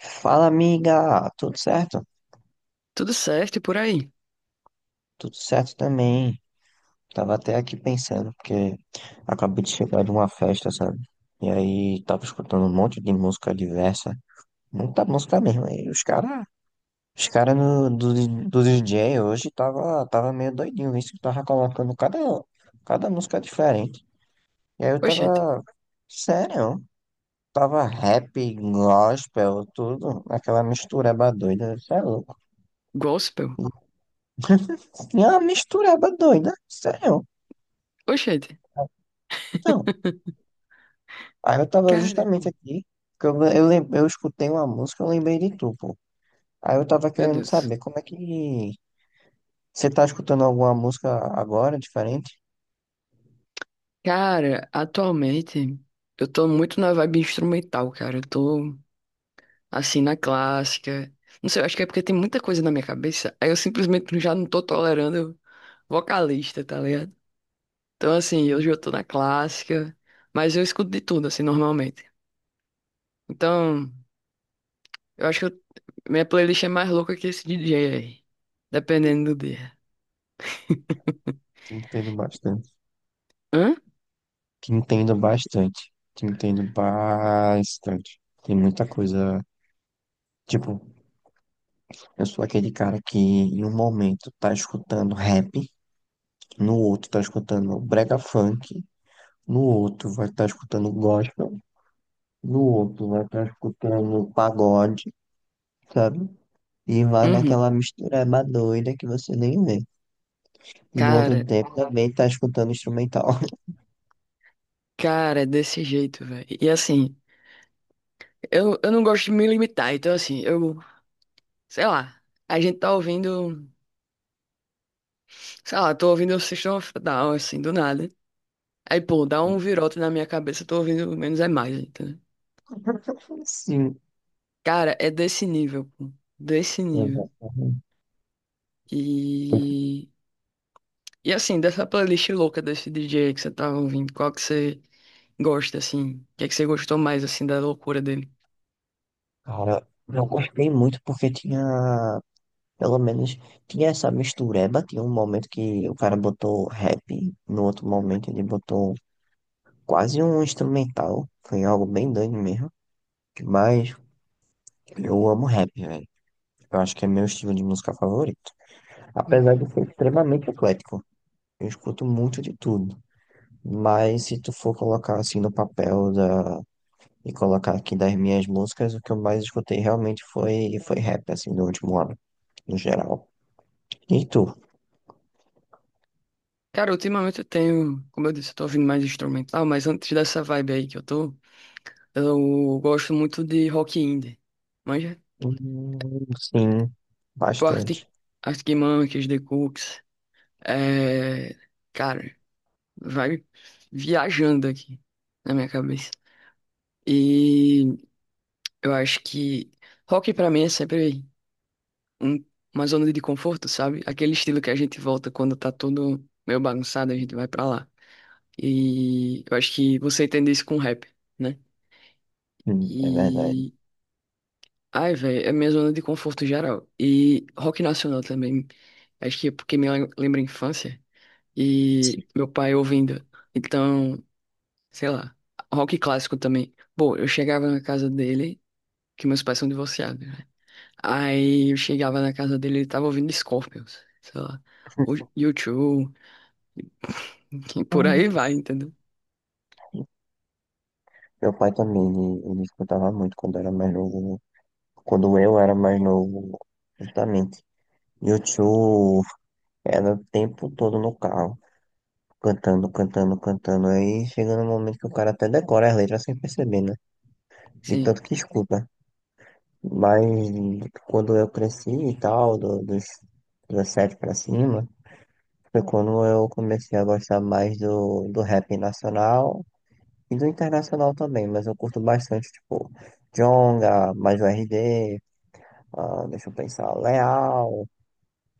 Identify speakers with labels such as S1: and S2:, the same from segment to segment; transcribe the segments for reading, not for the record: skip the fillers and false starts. S1: Fala, amiga, tudo certo?
S2: Tudo certo e por aí.
S1: Tudo certo também. Tava até aqui pensando, porque acabei de chegar de uma festa, sabe? E aí tava escutando um monte de música diversa, muita música mesmo. E os caras do DJ hoje tava meio doidinho, isso que tava colocando cada música diferente. E aí eu
S2: Oxente,
S1: tava, sério, tava rap, gospel, tudo, aquela mistureba doida, você é louco.
S2: gospel?
S1: Tinha uma mistureba doida, sério.
S2: Oxente,
S1: Então, aí eu tava justamente
S2: caramba,
S1: aqui, porque eu escutei uma música, eu lembrei de tu, pô. Aí eu tava
S2: meu
S1: querendo
S2: Deus.
S1: saber como é que você tá escutando alguma música agora, diferente?
S2: Cara, atualmente eu tô muito na vibe instrumental, cara. Eu tô assim na clássica. Não sei, eu acho que é porque tem muita coisa na minha cabeça. Aí eu simplesmente já não tô tolerando vocalista, tá ligado? Então, assim,
S1: Hum.
S2: hoje eu tô na clássica, mas eu escuto de tudo, assim, normalmente. Então, eu acho que minha playlist é mais louca que esse DJ aí, dependendo do dia.
S1: Te entendo bastante.
S2: Hã?
S1: Te entendo bastante. Te entendo bastante. Tem muita coisa, tipo, eu sou aquele cara que em um momento tá escutando rap, no outro tá escutando brega funk, no outro vai estar escutando gospel, no outro vai estar escutando pagode, sabe? E vai
S2: Uhum.
S1: naquela mistureba doida que você nem vê. E no outro
S2: Cara,
S1: tempo também tá escutando instrumental.
S2: cara, é desse jeito, velho. E assim, eu não gosto de me limitar, então assim, eu, sei lá, a gente tá ouvindo, sei lá, tô ouvindo o System of a Down, assim, do nada. Aí, pô, dá um virote na minha cabeça, eu tô ouvindo menos é mais, entendeu?
S1: Sim,
S2: Cara, é desse nível, pô, desse nível.
S1: exatamente.
S2: E, e assim, dessa playlist louca desse DJ que você tava ouvindo, qual que você gosta, assim? O que é que você gostou mais, assim, da loucura dele?
S1: Cara, eu gostei muito porque tinha Pelo menos tinha essa mistureba. Tinha um momento que o cara botou rap, no outro momento ele botou quase um instrumental. Foi algo bem doido mesmo. Mas eu amo rap, velho. Eu acho que é meu estilo de música favorito.
S2: Hum.
S1: Apesar de ser extremamente eclético. Eu escuto muito de tudo. Mas se tu for colocar assim no papel da. E colocar aqui das minhas músicas, o que eu mais escutei realmente foi rap, assim, no último ano, no geral. E tu?
S2: Cara, ultimamente eu tenho, como eu disse, eu tô ouvindo mais instrumental, mas antes dessa vibe aí que eu tô, eu gosto muito de rock indie. Manja?
S1: Sim,
S2: Tipo
S1: bastante.
S2: Arctic Monkeys, The Cooks. É... Cara, vai viajando aqui na minha cabeça. E eu acho que rock pra mim é sempre um- uma zona de conforto, sabe? Aquele estilo que a gente volta quando tá tudo meio bagunçado, a gente vai pra lá. E eu acho que você entende isso com rap, né?
S1: É verdade.
S2: E. Ai, velho, é minha zona de conforto geral. E rock nacional também. Acho que é porque lembra a infância.
S1: Sim.
S2: E meu pai ouvindo. Então, sei lá. Rock clássico também. Bom, eu chegava na casa dele, que meus pais são divorciados, né? Aí eu chegava na casa dele, ele tava ouvindo Scorpions, sei lá. O U2, e por aí vai,
S1: Nossa.
S2: entendeu?
S1: Meu pai também, ele escutava muito quando era mais novo, né? Quando eu era mais novo, justamente. E o tio era o tempo todo no carro, cantando, cantando, cantando. Aí chegando no momento que o cara até decora as letras sem perceber, né? De
S2: Sim.
S1: tanto que escuta. Mas quando eu cresci e tal, dos 17 pra cima, foi quando eu comecei a gostar mais do rap nacional e do internacional também, mas eu curto bastante, tipo, Djonga, mais o RD, ah, deixa eu pensar, Leal,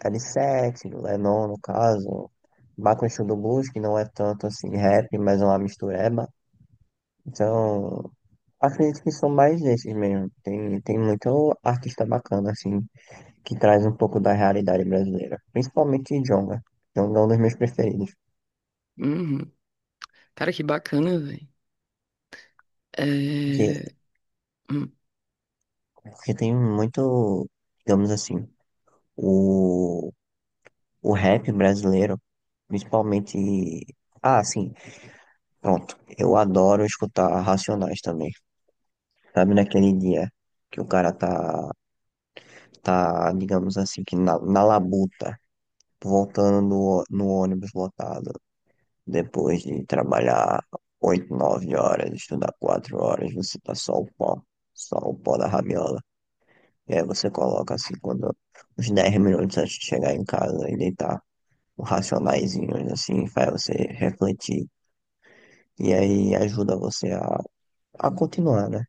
S1: L7, Lenon no caso, Bakushu do Blues, que não é tanto assim rap, mas é uma mistureba. Então, acredito que são mais desses mesmo. Tem muito artista bacana, assim, que traz um pouco da realidade brasileira, principalmente Djonga. Djonga é um dos meus preferidos.
S2: Uhum. Cara, que bacana, velho.
S1: Que
S2: É... hum,
S1: Porque tem muito, digamos assim, o, o rap brasileiro, principalmente. Ah, sim, pronto. Eu adoro escutar Racionais também. Sabe, naquele dia que o cara tá digamos assim, que na labuta, voltando no ônibus lotado, depois de trabalhar 8 9 horas, estudar 4 horas, você tá só o pó da rabiola. E aí você coloca assim, quando uns 10 minutos antes de chegar em casa e deitar, um racionaizinho assim, faz você refletir. E aí ajuda você a continuar, né?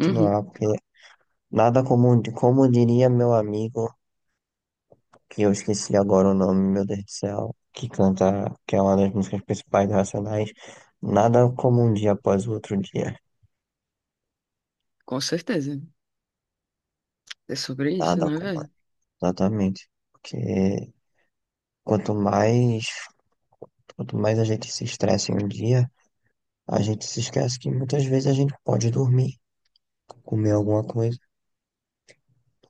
S2: Uhum.
S1: porque nada como, como diria meu amigo, que eu esqueci agora o nome, meu Deus do céu, que canta, que é uma das músicas principais do Racionais, nada como um dia após o outro dia.
S2: Com certeza. É sobre isso,
S1: Nada
S2: né,
S1: como.
S2: velho?
S1: Exatamente. Porque quanto mais, quanto mais a gente se estressa em um dia, a gente se esquece que muitas vezes a gente pode dormir, comer alguma coisa,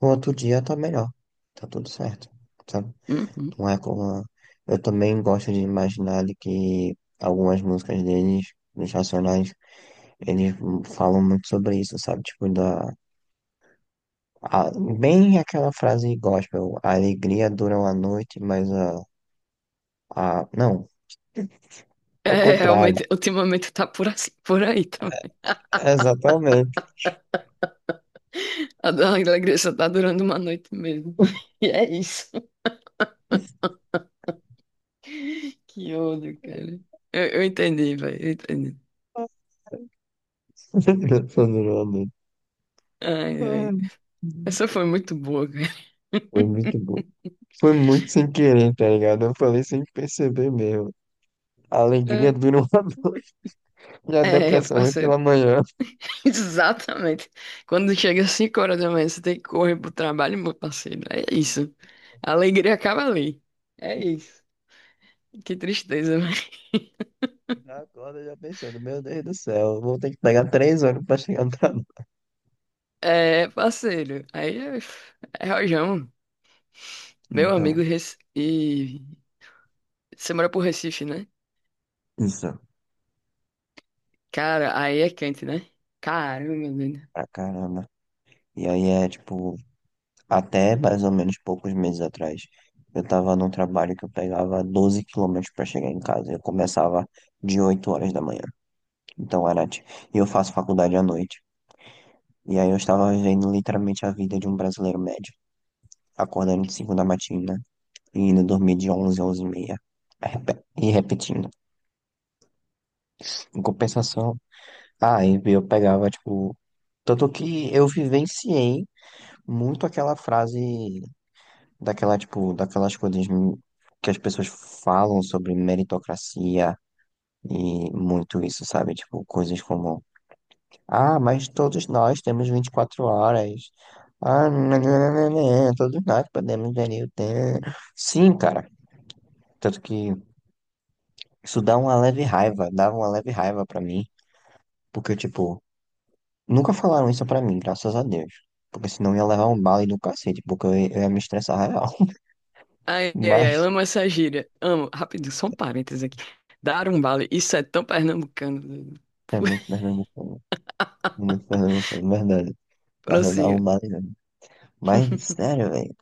S1: no outro dia tá melhor, tá tudo certo, sabe?
S2: Uhum.
S1: Não é como. Eu também gosto de imaginar de que algumas músicas deles, dos Racionais, eles falam muito sobre isso, sabe? Tipo, a- bem aquela frase gospel: a alegria dura uma noite, mas não, ao
S2: É,
S1: contrário.
S2: realmente, ultimamente tá por, assim, por aí também.
S1: Exatamente.
S2: A da alegria só tá durando uma noite mesmo. E é isso. Que ódio, cara. Eu entendi, velho, eu entendi.
S1: Dura uma noite.
S2: Ai, ai.
S1: Ai,
S2: Essa foi muito boa, cara.
S1: foi muito bom. Foi muito sem querer, tá ligado? Eu falei sem perceber mesmo. A alegria dura uma noite e a
S2: É, é,
S1: depressão vem
S2: parceiro.
S1: pela manhã.
S2: Exatamente. Quando chega às 5 horas da manhã, você tem que correr pro trabalho, meu parceiro. É isso. A alegria acaba ali. É isso. Que tristeza, velho.
S1: Já acorda já pensando, meu Deus do céu, eu vou ter que pegar 3 horas pra chegar no trabalho.
S2: É, parceiro. É rojão. Meu amigo
S1: Então,
S2: Rec... e você mora pro Recife, né?
S1: isso,
S2: Cara, aí é quente, né? Caramba, meu deus.
S1: pra caramba. E aí é tipo, até mais ou menos poucos meses atrás, eu tava num trabalho que eu pegava 12 km pra chegar em casa. Eu começava de 8 horas da manhã. Então era, e eu faço faculdade à noite. E aí eu estava vivendo literalmente a vida de um brasileiro médio, acordando de 5 da matina e indo dormir de 11 a 11 e meia. E repetindo. Em compensação, ah, e eu pegava, tipo. Tanto que eu vivenciei muito aquela frase daquela, tipo, daquelas coisas que as pessoas falam sobre meritocracia e muito isso, sabe? Tipo, coisas como, ah, mas todos nós temos 24 horas. Ah, nananana, todos nós podemos gerir o tempo. Sim, cara. Tanto que isso dá uma leve raiva, dava uma leve raiva pra mim, porque, tipo, nunca falaram isso pra mim, graças a Deus. Porque senão eu ia levar um bala e do cacete, porque eu ia me estressar real.
S2: Ai, ai, ai,
S1: Mas
S2: amo essa gíria. Amo. Rapidinho, só um parênteses aqui. Dar um vale, isso é tão pernambucano. Doido.
S1: é muito pernambucano, verdade. Mas eu dar um
S2: Prossiga.
S1: bala e Mas, sério, velho.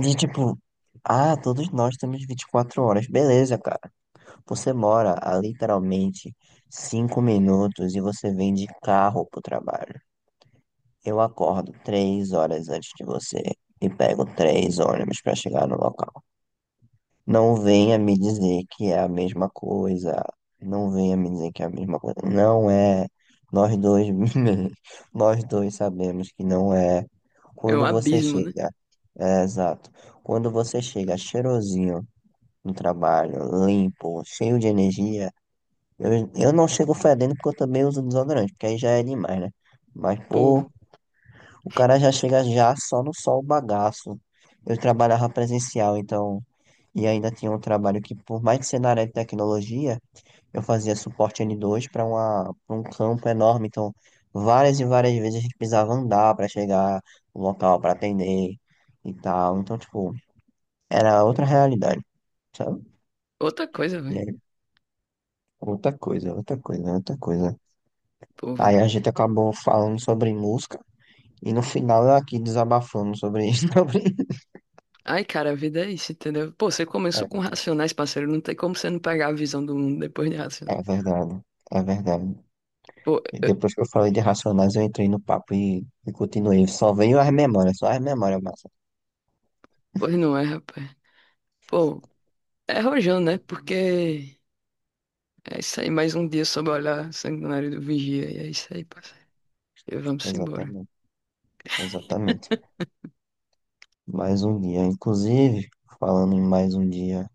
S1: De tipo, ah, todos nós temos 24 horas. Beleza, cara. Você mora a literalmente 5 minutos e você vem de carro pro trabalho. Eu acordo 3 horas antes de você e pego três ônibus para chegar no local. Não venha me dizer que é a mesma coisa. Não venha me dizer que é a mesma coisa. Não é. Nós dois, nós dois sabemos que não é.
S2: É um
S1: Quando você
S2: abismo, né?
S1: chega, é exato. Quando você chega cheirosinho no trabalho, limpo, cheio de energia, eu não chego fedendo porque eu também uso desodorante, porque aí já é demais, né? Mas,
S2: Pô,
S1: pô, o cara já chega já só no sol bagaço. Eu trabalhava presencial, então, e ainda tinha um trabalho que, por mais que ser na área de tecnologia, eu fazia suporte N2 pra um campo enorme. Então, várias e várias vezes a gente precisava andar para chegar no local para atender e tal. Então, tipo, era outra realidade, sabe?
S2: outra coisa,
S1: E
S2: velho.
S1: aí, outra coisa, outra coisa, outra coisa.
S2: Pô,
S1: Aí
S2: velho.
S1: a gente acabou falando sobre música e no final eu aqui desabafando sobre isso.
S2: Ai, cara, a vida é isso, entendeu? Pô, você começou com
S1: É.
S2: Racionais, parceiro. Não tem como você não pegar a visão do mundo depois de
S1: É
S2: Racionais.
S1: verdade, é verdade.
S2: Pô,
S1: E
S2: eu-
S1: depois que eu falei de Racionais, eu entrei no papo e continuei. Só veio as memórias, só as memórias, massa.
S2: pois não é, rapaz. Pô, é rojão, né? Porque é isso aí, mais um dia sob o olhar sanguinário do vigia. E é isso aí, parceiro. E vamos embora.
S1: Exatamente, exatamente. Mais um dia. Inclusive, falando em mais um dia,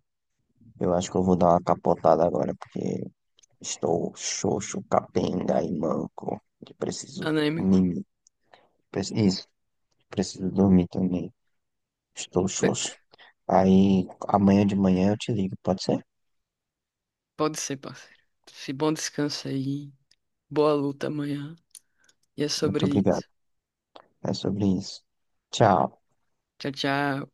S1: eu acho que eu vou dar uma capotada agora, porque estou xoxo, capenga e manco. E preciso
S2: Anêmico.
S1: mimir. Isso, preciso dormir também. Estou
S2: Be-
S1: xoxo. Aí, amanhã de manhã eu te ligo, pode ser?
S2: Pode ser, parceiro. Se bom descanso aí. Boa luta amanhã. E é
S1: Muito
S2: sobre
S1: obrigado.
S2: isso.
S1: É sobre isso. Tchau.
S2: Tchau, tchau.